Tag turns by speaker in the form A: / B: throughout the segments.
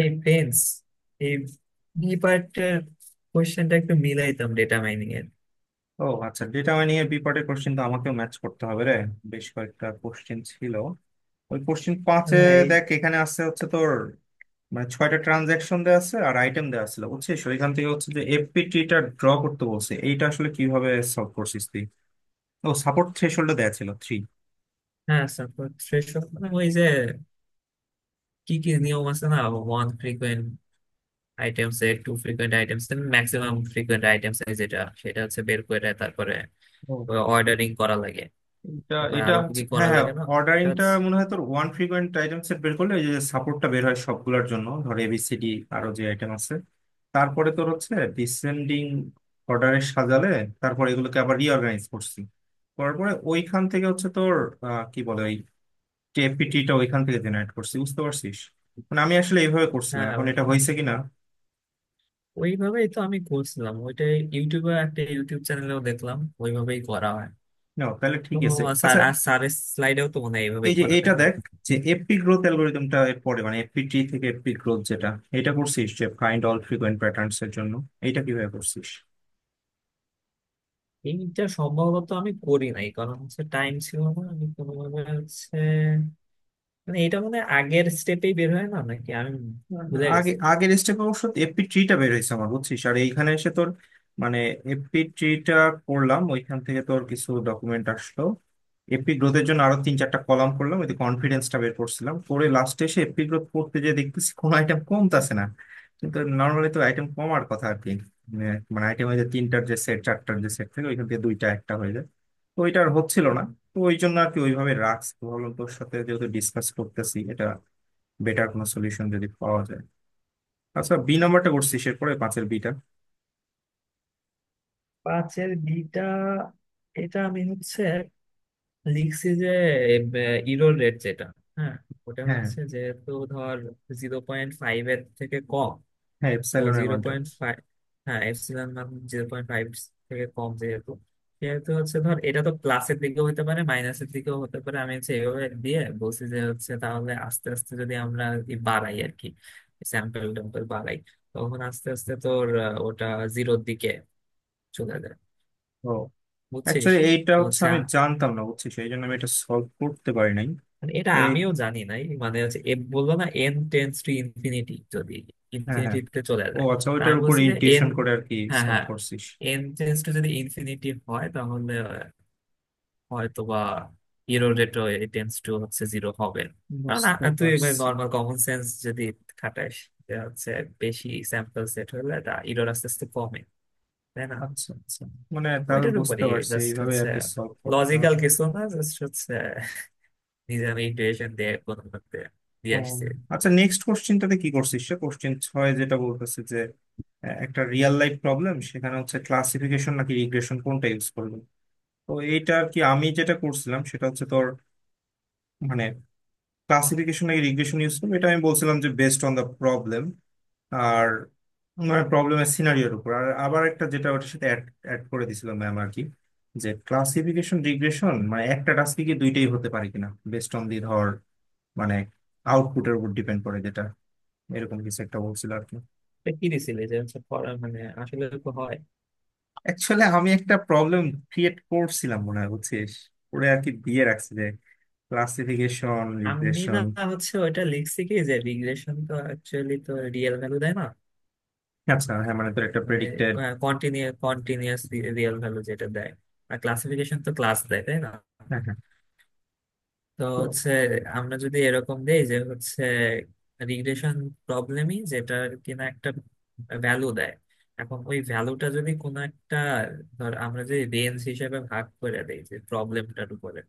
A: এই প্রিন্স এই বি পার্টের কোয়েশ্চেনটা একটু মিলাইতাম ডেটা মাইনিং এর।
B: ও আচ্ছা, ডেটা মাইনিং এর বিপার্টের কোশ্চেন তো আমাকেও ম্যাচ করতে হবে রে। বেশ কয়েকটা কোশ্চেন ছিল। ওই কোশ্চেন 5-এ
A: এই,
B: দেখ, এখানে আছে হচ্ছে তোর, মানে ছয়টা ট্রানজাকশন দেওয়া আছে আর আইটেম দেওয়া ছিল বুঝছিস, ওইখান থেকে হচ্ছে যে এফপিটিটা ড্র করতে বলছে। এইটা আসলে কিভাবে সলভ করছিস তুই? ও, সাপোর্ট থ্রেশহোল্ড দেওয়া ছিল 3।
A: হ্যাঁ support সেসব, মানে ওই যে কি কি নিয়ম আছে না, ওয়ান ফ্রিকোয়েন্ট আইটেমস এর, টু ফ্রিকোয়েন্ট আইটেমস এর, ম্যাক্সিমাম ফ্রিকোয়েন্ট আইটেমস এর যেটা, সেটা হচ্ছে বের করে তারপরে অর্ডারিং করা লাগে।
B: এটা
A: তারপরে
B: এটা
A: আরো কি
B: হচ্ছে,
A: কি
B: হ্যাঁ
A: করা
B: হ্যাঁ।
A: লাগে না? ওটা
B: অর্ডারিংটা
A: হচ্ছে-
B: মনে হয় তোর ওয়ান ফ্রিকোয়েন্ট আইটেম সেট বের করলে এই যে সাপোর্টটা বের হয় সবগুলোর জন্য, ধর এবিসিডি আরো যে আইটেম আছে, তারপরে তোর হচ্ছে ডিসেন্ডিং অর্ডারে সাজালে, তারপর এগুলোকে আবার রিঅর্গানাইজ করছি। করার পরে ওইখান থেকে হচ্ছে তোর কি বলে ওই টিএফপিটিটা ওইখান থেকে জেনারেট করছি, বুঝতে পারছিস? মানে আমি আসলে এইভাবে করছিলাম,
A: হ্যাঁ
B: এখন
A: ওই
B: এটা
A: একদম
B: হয়েছে কিনা।
A: ওইভাবেই তো আমি করছিলাম ওইটা। ইউটিউবে একটা ইউটিউব চ্যানেলেও দেখলাম ওইভাবেই করা হয়।
B: না তাহলে
A: তো
B: ঠিক আছে,
A: স্যার
B: আচ্ছা।
A: আর স্যারের স্লাইডেও তো মনে হয়
B: এই
A: এইভাবেই
B: যে
A: করা, তাই
B: এটা
A: না?
B: দেখ, যে এফপি গ্রোথ অ্যালগোরিদমটা এর পরে, মানে এফপি টি থেকে এফপি গ্রোথ যেটা, এটা করছিস যে ফাইন্ড অল ফ্রিকোয়েন্ট প্যাটার্নস এর জন্য, এটা কিভাবে করছিস?
A: এইটা সম্ভবত আমি করি নাই, কারণ হচ্ছে টাইম ছিল না, আমি কোনোভাবে হচ্ছে, মানে এটা মানে আগের স্টেপেই বের হয় না নাকি, আমি ভুলে
B: আগে
A: গেছি।
B: আগের স্টেপ অবশ্য এফপি ট্রিটা বের হয়েছে আমার, বুঝছিস, আর এইখানে এসে তোর মানে এফপি ট্রিটা করলাম, ওইখান থেকে তোর কিছু ডকুমেন্ট আসলো, এপি গ্রোথের জন্য আরো তিন চারটা কলাম করলাম, ওই কনফিডেন্সটা বের করছিলাম, করে লাস্টে এসে এপি গ্রোথ করতে যে দেখতেছি কোনো আইটেম কমতাছে না। কিন্তু নর্মালি তো আইটেম কমার কথা আর কি। মানে মানে আইটেম হয়ে যায় তিনটার যে সেট, চারটার যে সেট থেকে ওইখান থেকে দুইটা একটা হয়ে যায়, তো ওইটা আর হচ্ছিল না। তো ওই জন্য আর কি ওইভাবে রাখছি, তো ভাবলাম তোর সাথে যেহেতু ডিসকাস করতেছি এটা, বেটার কোনো সলিউশন যদি পাওয়া যায়। আচ্ছা, বি নাম্বারটা করছিস এরপরে, 5-এর বিটা?
A: পাঁচের বিটা এটা আমি হচ্ছে লিখছি যে ইরোর রেট যেটা, হ্যাঁ ওটা
B: হ্যাঁ
A: হচ্ছে, যেহেতু ধর 0.5 এর থেকে কম,
B: হ্যাঁ,
A: তো
B: এপসাইলনের
A: জিরো
B: মানটা।
A: পয়েন্ট ফাইভ হ্যাঁ এপসিলন মান 0.5 থেকে কম, যেহেতু সেহেতু হচ্ছে ধর, এটা তো প্লাসের দিকেও হতে পারে মাইনাসের দিকেও হতে পারে। আমি হচ্ছে এভাবে দিয়ে বলছি যে হচ্ছে তাহলে আস্তে আস্তে যদি আমরা আর কি বাড়াই আর কি, স্যাম্পল ট্যাম্পল বাড়াই, তখন আস্তে আস্তে তোর ওটা জিরোর দিকে চলে যায়,
B: ও,
A: বুঝছিস?
B: অ্যাকচুয়ালি এইটা
A: তো
B: হচ্ছে
A: হচ্ছে,
B: আমি জানতাম না বুঝছি, সেই জন্য আমি এটা সলভ করতে পারি নাই।
A: মানে এটা
B: এই
A: আমিও জানি নাই, মানে হচ্ছে এ বললো না, এন টেন্স টু ইনফিনিটি যদি
B: হ্যাঁ হ্যাঁ।
A: ইনফিনিটিতে চলে
B: ও
A: যায়।
B: আচ্ছা,
A: তা
B: ওইটার
A: আমি
B: উপর
A: বলছি যে এন,
B: ইনটিউশন করে আর কি
A: হ্যাঁ
B: সলভ
A: হ্যাঁ,
B: করছিস।
A: এন টেন্স টু যদি ইনফিনিটি হয় তাহলে হয়তো বা ইরো রেটও এ টেন্স টু হচ্ছে জিরো হবে না। কারণ
B: বুঝতে
A: তুই মানে
B: পারছি।
A: নর্মাল কমন সেন্স যদি খাটাস, যে হচ্ছে বেশি স্যাম্পল সেট হলে তা ইরোর আস্তে আস্তে কমে, তাই না?
B: আচ্ছা আচ্ছা, মানে তাহলে
A: ওইটার
B: বুঝতে
A: উপরে
B: পারছি
A: জাস্ট
B: এইভাবে আর
A: হচ্ছে,
B: কি সলভ করতে
A: লজিক্যাল
B: হবে।
A: কিছু না, জাস্ট হচ্ছে নিজে আমি ইন্টুইশন দিয়ে কোনো মতে
B: ও,
A: দিয়ে আসছি।
B: আচ্ছা নেক্সট কোশ্চেনটাতে কি করছিস, সে কোশ্চেন 6 যেটা বলতেছে যে একটা রিয়েল লাইফ প্রবলেম সেখানে হচ্ছে ক্লাসিফিকেশন নাকি রিগ্রেশন কোনটা ইউজ করবে। তো এইটা আর কি আমি যেটা করছিলাম সেটা হচ্ছে তোর, মানে ক্লাসিফিকেশন নাকি রিগ্রেশন ইউজ করবে এটা আমি বলছিলাম যে বেস্ট অন দ্য প্রবলেম আর প্রবলেমের সিনারিওর উপর। আর আবার একটা যেটা ওটার সাথে অ্যাড অ্যাড করে দিছিল ম্যাম আর কি, যে ক্লাসিফিকেশন রিগ্রেশন মানে একটা টাস্কে কি দুইটাই হতে পারে কিনা, বেস্ট অন দি, ধর মানে আউটপুটের উপর ডিপেন্ড করে যেটা, এরকম কিছু একটা বলছিল আর কি।
A: এটা কি দিছিলি যে হচ্ছে মানে আসলে তো হয়।
B: অ্যাকচুয়ালি আমি একটা প্রবলেম ক্রিয়েট করছিলাম মনে হয়, বুঝছিস, ওরে আর কি দিয়ে রাখছি যে ক্লাসিফিকেশন
A: আমি না,
B: রিগ্রেশন।
A: হচ্ছে ওইটা লিখছি কি যে রিগ্রেশন তো অ্যাকচুয়ালি তো রিয়েল ভ্যালু দেয় না,
B: আচ্ছা হ্যাঁ, মানে তোর একটা
A: মানে
B: প্রেডিক্টেড।
A: কন্টিনিউয়াস রিয়েল ভ্যালু যেটা দেয়। আর ক্লাসিফিকেশন তো ক্লাস দেয়, তাই না?
B: হ্যাঁ হ্যাঁ।
A: তো
B: তো
A: হচ্ছে আমরা যদি এরকম দেই যে হচ্ছে রিগ্রেশন প্রবলেমই, যেটা কিনা একটা ভ্যালু দেয়। এখন ওই ভ্যালুটা যদি কোনো একটা, ধর আমরা যে রেঞ্জ হিসেবে ভাগ করে দেই, যে প্রবলেমটার উপরে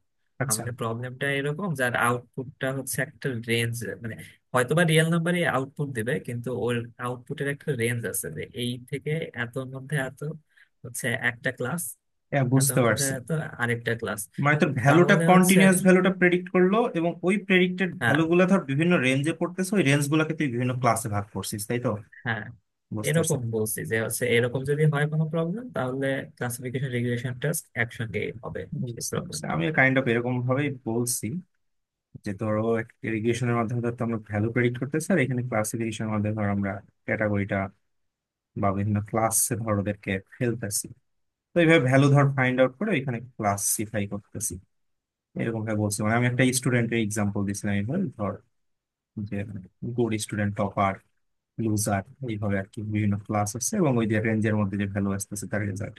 B: আচ্ছা,
A: আমাদের প্রবলেমটা এরকম যার আউটপুটটা হচ্ছে একটা রেঞ্জ, মানে হয়তোবা রিয়েল নাম্বারই আউটপুট দিবে কিন্তু ওর আউটপুটের একটা রেঞ্জ আছে, যে এই থেকে এতর মধ্যে এত হচ্ছে একটা ক্লাস,
B: হ্যাঁ
A: এতর
B: বুঝতে
A: মধ্যে
B: পারছি,
A: এত আরেকটা ক্লাস।
B: মানে তোর ভ্যালুটা
A: তাহলে হচ্ছে,
B: কন্টিনিউয়াস ভ্যালুটা প্রেডিক্ট করলো এবং ওই প্রেডিক্টেড
A: হ্যাঁ,
B: ভ্যালু গুলা ধর বিভিন্ন রেঞ্জে পড়তেছে, ওই রেঞ্জ গুলাকে তুই বিভিন্ন ক্লাসে ভাগ করছিস, তাই তো?
A: হ্যাঁ,
B: বুঝতে পারছি।
A: এরকম বলছি যে হচ্ছে এরকম যদি হয় কোনো প্রবলেম, তাহলে ক্লাসিফিকেশন রিগ্রেশন টেস্ট একসঙ্গে হবে সেই
B: বুঝতে পারছি,
A: প্রবলেমটা।
B: আমি কাইন্ড অফ এরকম ভাবেই বলছি যে ধরো ইরিগেশনের মাধ্যমে ধর তো আমরা ভ্যালু প্রেডিক্ট করতেছি, আর এখানে ক্লাসিফিকেশনের মাধ্যমে ধর আমরা ক্যাটাগরিটা বা বিভিন্ন ক্লাসে ধর ওদেরকে ফেলতেছি। তো এইভাবে ভ্যালু ধর ফাইন্ড আউট করে এখানে ক্লাসিফাই করতেছি, এরকম ভাবে বলছি। মানে আমি একটা স্টুডেন্টের এক্সাম্পল দিছিলাম এবার, ধর যে গুড স্টুডেন্ট, টপার, লুজার, এইভাবে আর কি বিভিন্ন ক্লাস আছে এবং ওই যে রেঞ্জের মধ্যে যে ভ্যালু আসতেছে তার রেজাল্ট।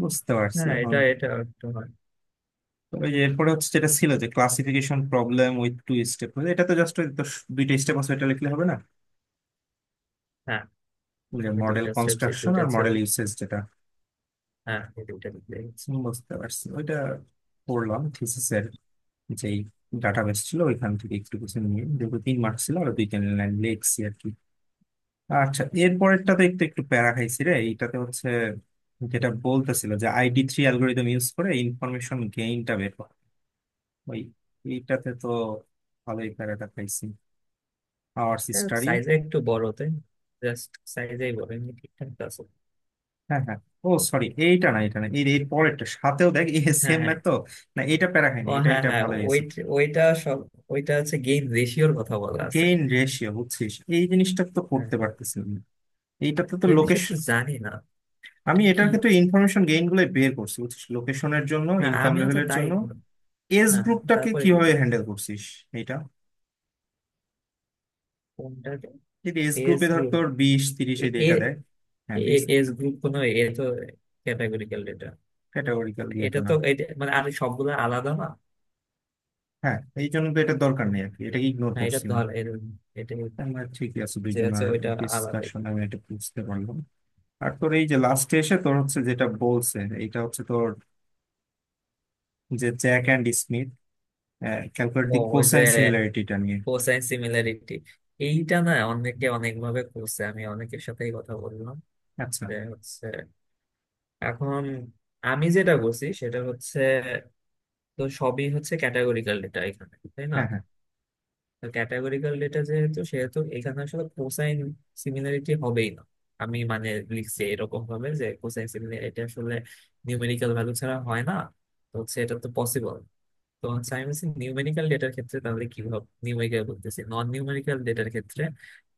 B: বুঝতে পারছি
A: হ্যাঁ
B: এখন।
A: এটা এটা একটু হয়।
B: তবে যে এরপরে হচ্ছে যেটা ছিল যে classification problem with two step, এটা তো জাস্ট দুইটা স্টেপ আছে এটা লিখলে হবে না,
A: হ্যাঁ
B: ওই যে
A: ওই
B: মডেল
A: দুইটা স্টেপ যে
B: কনস্ট্রাকশন
A: দুইটা
B: আর
A: ছিল,
B: মডেল ইউসেজ যেটা।
A: হ্যাঁ এই দুইটা দিতে হচ্ছে।
B: বুঝতে পারছি। ওইটা পড়লাম থিসিসের যেই ডাটাবেস ছিল ওইখান থেকে একটু কিছু নিয়ে, যেহেতু তিন মার্ক ছিল আর দুই তিন লাইন লিখছি আর কি। আচ্ছা, এর পরেরটাতে একটু একটু প্যারা খাইছি রে। এইটাতে হচ্ছে যেটা বলতেছিল যে ID3 অ্যালগোরিদম ইউজ করে ইনফরমেশন গেইনটা বের করা, ওই এইটাতে তো ভালোই প্যারাটা খাইছি। Hour study.
A: সাইজে একটু বড় তাই, জাস্ট সাইজেই বড়, এমনি ঠিকঠাক তো আছে।
B: হ্যাঁ হ্যাঁ। ও সরি, এইটা না, এটা না, এর এর পরেরটা সাথেও দেখ, এই
A: হ্যাঁ
B: সেম
A: হ্যাঁ।
B: ম্যাথ তো। না এটা প্যারা খাইনি,
A: ও
B: এটা
A: হ্যাঁ
B: এটা
A: হ্যাঁ,
B: ভালো
A: ওই
B: হয়েছে।
A: ওইটা সব ওইটা হচ্ছে গেইন রেশিওর কথা বলা আছে।
B: গেইন রেশিও, বুঝছিস, এই জিনিসটা তো
A: হ্যাঁ,
B: করতে পারতেছিলাম না। এইটাতে তো
A: গেইন রেশিও
B: লোকেশ,
A: তো জানি না,
B: আমি
A: এটা কি?
B: এটার ক্ষেত্রে ইনফরমেশন গেইন গুলো বের করছি বুঝছিস, লোকেশনের জন্য,
A: হ্যাঁ
B: ইনকাম
A: আমিও তো
B: লেভেলের
A: তাই।
B: জন্য। এজ
A: হ্যাঁ,
B: গ্রুপটাকে
A: তারপরে কি?
B: কিভাবে হ্যান্ডেল করছিস? এটা,
A: কোনটা?
B: যদি এজ
A: ফেস
B: গ্রুপে ধর
A: ভিউ
B: তোর বিশ তিরিশ এই
A: এ,
B: এটা দেয়। হ্যাঁ বিশ।
A: এজ গ্রুপ কোনো এ তো ক্যাটাগরিক্যাল ডেটা।
B: ক্যাটাগরিক্যাল দিয়ে
A: এটা
B: তো না।
A: তো, এটা মানে আর সবগুলো আলাদা না।
B: হ্যাঁ, এই জন্য তো এটা দরকার নেই আর কি, এটাকে ইগনোর
A: না এটা
B: করছি আমি।
A: ধর এটা,
B: আমরা ঠিকই আছে
A: যে আছে
B: দুইজনের
A: ওইটা, আলাদাই।
B: ডিসকাশন, আমি এটা বুঝতে পারলাম। আর তোর এই যে লাস্টে এসে তোর হচ্ছে যেটা বলছে, এটা হচ্ছে তোর যে জ্যাক অ্যান্ড স্মিথ ক্যালকুলেট
A: ও
B: দি
A: ওই যে
B: কোসাইন সিমিলারিটিটা নিয়ে।
A: কোসাইন সিমিলারিটি, এইটা না অনেকে অনেক ভাবে করছে, আমি অনেকের সাথেই কথা বললাম
B: আচ্ছা।
A: যে হচ্ছে। এখন আমি যেটা করছি সেটা হচ্ছে, তো সবই হচ্ছে ক্যাটাগরিক্যাল ডেটা এখানে, তাই না?
B: হ্যাঁ হ্যাঁ।
A: তো ক্যাটাগরিক্যাল ডেটা যেহেতু, সেহেতু এখানে আসলে কোসাইন সিমিলারিটি হবেই না। আমি মানে লিখছি এরকম ভাবে যে কোসাইন সিমিলারিটি আসলে নিউমেরিক্যাল ভ্যালু ছাড়া হয় না, তো হচ্ছে এটা তো পসিবল। তো হচ্ছে আমি বলছি নিউমেরিক্যাল ডেটার ক্ষেত্রে তাহলে কিভাবে, নিউমেরিক্যাল বলতেছি, নন নিউমেরিক্যাল ডেটার ক্ষেত্রে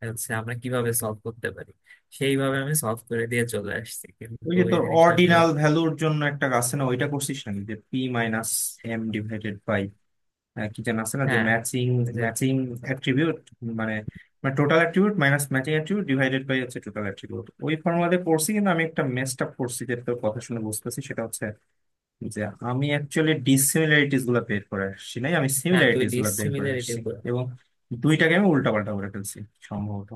A: হচ্ছে আমরা কিভাবে সলভ করতে পারি, সেইভাবে আমি সলভ করে দিয়ে চলে আসছি,
B: ওই
A: কিন্তু
B: যে
A: এই
B: তোর
A: জিনিসটা আসলে।
B: অর্ডিনাল ভ্যালুর জন্য একটা আছে না, ওইটা করছিস নাকি, যে P minus M divided by কি যেন আছে না যে
A: হ্যাঁ
B: ম্যাচিং,
A: এই যে,
B: ম্যাচিং অ্যাট্রিবিউট, মানে মানে total attribute minus matching attribute divided by হচ্ছে টোটাল অ্যাট্রিবিউট, ওই ফর্মুলাতে পড়ছি। কিন্তু আমি একটা মেসড আপ করছি, যেটা তোর কথা শুনে বুঝতেছি, সেটা হচ্ছে যে আমি অ্যাকচুয়ালি ডিসিমিলারিটিস গুলো বের করে আসছি নাই, আমি
A: হ্যাঁ তুই
B: সিমিলারিটিস গুলো বের করে
A: ডিসিমিলারিটি।
B: আসছি এবং দুইটাকে আমি উল্টা পাল্টা করে ফেলছি সম্ভবত।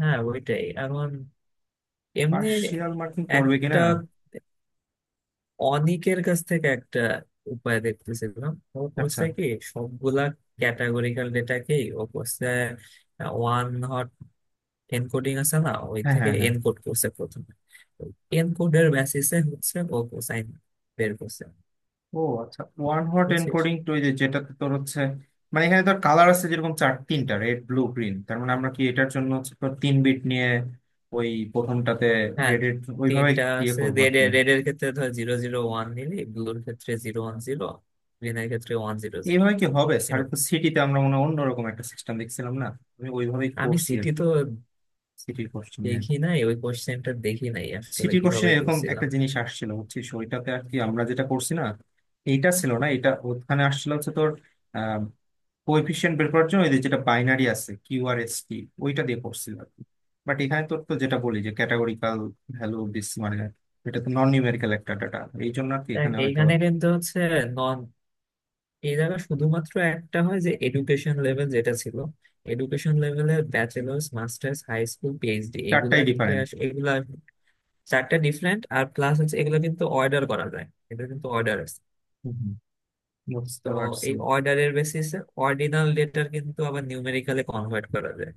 A: হ্যাঁ ওইটাই এখন, এমনি।
B: পার্শিয়াল মার্কিং করবে
A: একটা
B: কিনা।
A: অনিকের কাছ থেকে একটা উপায় দেখতেছিলাম, ও
B: আচ্ছা।
A: করছে কি সবগুলা ক্যাটাগরিক্যাল ডেটাকেই ও করছে, ওয়ান হট এনকোডিং আছে না, ওই
B: হ্যাঁ
A: থেকে
B: হ্যাঁ হ্যাঁ।
A: এনকোড করছে প্রথমে, এনকোডের বেসিসে হচ্ছে ও কোসাইন বের করছে,
B: ও আচ্ছা, ওয়ান হট
A: বুঝছিস?
B: এনকোডিং টু, এই যে যেটাতে তোর হচ্ছে, মানে এখানে তোর কালার আছে যেরকম চার তিনটা, রেড ব্লু গ্রিন, তার মানে আমরা কি এটার জন্য হচ্ছে তোর তিন বিট নিয়ে ওই প্রথমটাতে
A: হ্যাঁ
B: রেড এর ওইভাবে
A: তিনটা
B: ইয়ে
A: আছে,
B: করবো আর
A: রেড
B: কি।
A: এর, red এর ক্ষেত্রে ধর 001, নিলি ব্লুর ক্ষেত্রে 010, গ্রিনের ক্ষেত্রে 100,
B: এইভাবে কি হবে? স্যার তো
A: এরকম।
B: সিটিতে আমরা মনে হয় অন্যরকম একটা সিস্টেম দেখছিলাম না। আমি ওইভাবেই
A: আমি
B: করছি আর
A: সিটি
B: কি।
A: তো
B: সিটির কোশ্চেনে,
A: দেখি নাই, ওই কোশ্চেনটা দেখি নাই আসলে
B: সিটির
A: কিভাবে
B: কোশ্চেনে এরকম একটা
A: করছিলাম।
B: জিনিস আসছিল বুঝছিস, ওইটাতে আর কি আমরা যেটা করছি না, এইটা ছিল না, এটা ওখানে আসছিল হচ্ছে তোর কোএফিসিয়েন্ট বের করার জন্য এদের যেটা বাইনারি আছে, কিউ আর এস টি, ওইটা দিয়ে করছিলাম। বাট এখানে তো তো যেটা বলি যে ক্যাটাগরিকাল ভ্যালু বেস মানে, এটা তো নন নিউমেরিক্যাল একটা ডাটা, এই জন্য আর কি
A: দেখ
B: এখানে হয়তো।
A: এইখানে কিন্তু হচ্ছে নন, এই জায়গায় শুধুমাত্র একটা হয় যে এডুকেশন লেভেল যেটা ছিল, এডুকেশন লেভেলে bachelors masters high school PhD,
B: চারটাই
A: এগুলাকে
B: ডিফারেন্ট।
A: এগুলা চারটা ডিফারেন্ট, আর প্লাস হচ্ছে এগুলো কিন্তু অর্ডার করা যায়, এটা কিন্তু অর্ডার।
B: বুঝতে
A: তো
B: পারছি।
A: এই অর্ডারের বেসিসে অর্ডিনাল ডেটার কিন্তু আবার নিউমেরিক্যালে কনভার্ট করা যায়,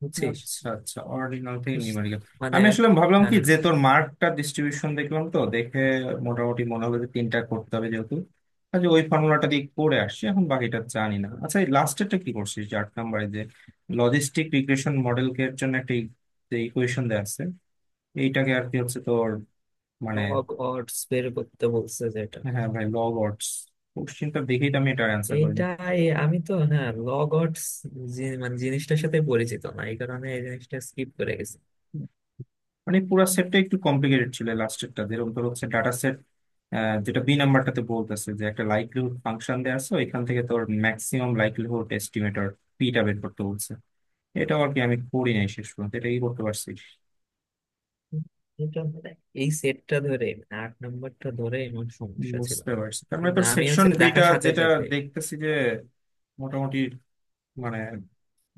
A: বুঝছিস?
B: আচ্ছা আচ্ছা, অরিজিনাল থেকে
A: কিস-
B: নিউমেরিক্যাল।
A: মানে।
B: আমি আসলে ভাবলাম কি
A: হ্যাঁ,
B: যে তোর মার্কটা ডিস্ট্রিবিউশন দেখলাম, তো দেখে মোটামুটি মনে হবে যে তিনটা করতে হবে যেহেতু। আচ্ছা, ওই ফর্মুলাটা দিয়ে করে আসছি, এখন বাকিটা জানি না। আচ্ছা, এই লাস্টেরটা কি করছিস, যে 8 নাম্বারে যে লজিস্টিক রিগ্রেশন মডেলকে এর জন্য একটা ই-, যে ইকুয়েশন দেওয়া আছে এইটাকে আর কি হচ্ছে তোর মানে।
A: লগ অডস বের করতে বলছে যেটা,
B: হ্যাঁ ভাই, লগ অডস, কোশ্চিনটা দেখেই তো আমি এটা অ্যান্সার করিনি।
A: এইটাই আমি তো না, লগ অডস মানে জিনিসটার সাথে পরিচিত না, এই কারণে এই জিনিসটা স্কিপ করে গেছি।
B: মানে পুরো সেটটা একটু কমপ্লিকেটেড ছিল। লাস্টেরটা যেরকম তোর হচ্ছে ডাটা সেট, যেটা বি নাম্বারটাতে বলতেছে যে একটা লাইকলিহুড ফাংশন দেওয়া আছে ওইখান থেকে তোর ম্যাক্সিমাম লাইকলিহুড এস্টিমেটর পিটা বের করতে বলছে। এটা আর কি আমি করি নাই শেষ পর্যন্ত, এটা কি করতে পারছি?
A: এটা মানে এই সেটটা ধরে মানে 8 নম্বরটা ধরে এমন সমস্যা ছিল,
B: বুঝতে পারছি। তার মানে
A: কিন্তু
B: তোর
A: আমি
B: সেকশন
A: হচ্ছে
B: বিটা
A: দেখার সাথে
B: যেটা,
A: সাথে
B: দেখতেছি যে মোটামুটি মানে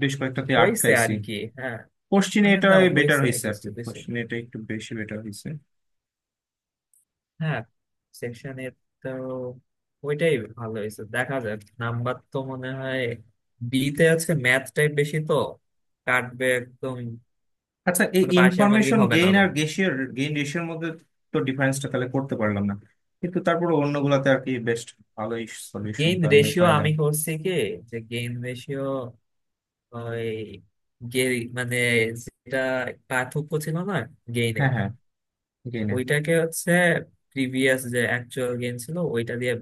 B: বেশ কয়েকটাতে
A: হয়েছে
B: আটকাইছি
A: আর কি। হ্যাঁ,
B: কোশ্চিনে,
A: মানে
B: এটা
A: দাও
B: বেটার
A: হয়েছে
B: হয়েছে আর কি।
A: কিছু কিছু।
B: কোশ্চিনে এটা একটু বেশি বেটার হয়েছে।
A: হ্যাঁ সেকশনের, তো ওইটাই ভালো হয়েছে, দেখা যাক। নাম্বার তো মনে হয় বি তে আছে, ম্যাথ টাইপ বেশি তো, কাটবে একদম।
B: আচ্ছা, এই
A: মানে পার্সিয়াল মার্কিং
B: ইনফরমেশন
A: হবে না
B: গেইন আর
A: কোনো?
B: গেসিয়ার গেইন রেশিওর মধ্যে তো ডিফারেন্সটা তাহলে করতে পারলাম না, কিন্তু তারপর অন্যগুলাতে আর কি বেস্ট, ভালোই সলিউশন
A: গেইন
B: তো আমরা
A: রেশিও
B: পাইলাম।
A: আমি করছি কি, যে গেইন রেশিও ওই গে- মানে, যেটা পার্থক্য ছিল না গেইনের,
B: হ্যাঁ হ্যাঁ, গেইনের।
A: ওইটাকে হচ্ছে প্রিভিয়াস যে অ্যাকচুয়াল গেইন ছিল, ওইটা দিয়ে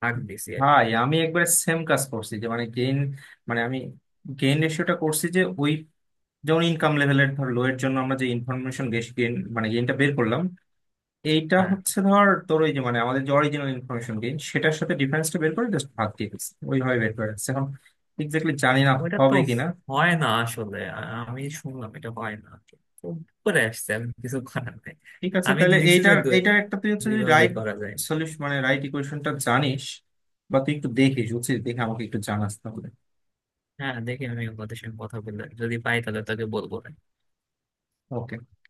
A: ভাগ দিছি আর কি।
B: ভাই আমি একবার সেম কাজ করছি, যে মানে গেইন মানে আমি গেইন রেশিওটা করছি, যে ওই যেমন ইনকাম লেভেলের ধর লো এর জন্য আমরা যে ইনফরমেশন গেইন মানে গেইনটা বের করলাম, এইটা
A: হ্যাঁ
B: হচ্ছে ধর তোর ওই যে মানে আমাদের যে অরিজিনাল ইনফরমেশন গেইন সেটার সাথে ডিফারেন্সটা বের করে জাস্ট ভাগ দিয়ে দিচ্ছি, ওইভাবে বের করে রাখছি। এখন এক্স্যাক্টলি জানি না
A: ওইটা তো
B: হবে কিনা।
A: হয় না আসলে আমি শুনলাম এটা হয় না। তো উপরে আসছে, আমি কিছু করার নাই।
B: ঠিক আছে
A: আমি
B: তাহলে,
A: লিখছি যে
B: এইটার,
A: দুই
B: এইটার একটা তুই হচ্ছে
A: দুই
B: যদি
A: ভাবেই
B: রাইট
A: করা যায়।
B: সলিউশন মানে রাইট ইকুয়েশনটা জানিস বা তুই একটু দেখিস, বুঝছিস, দেখে আমাকে একটু জানাস তাহলে।
A: হ্যাঁ দেখি, আমি ওদের সঙ্গে কথা বলে যদি পাই তাহলে তাকে বলবো।
B: ওকে।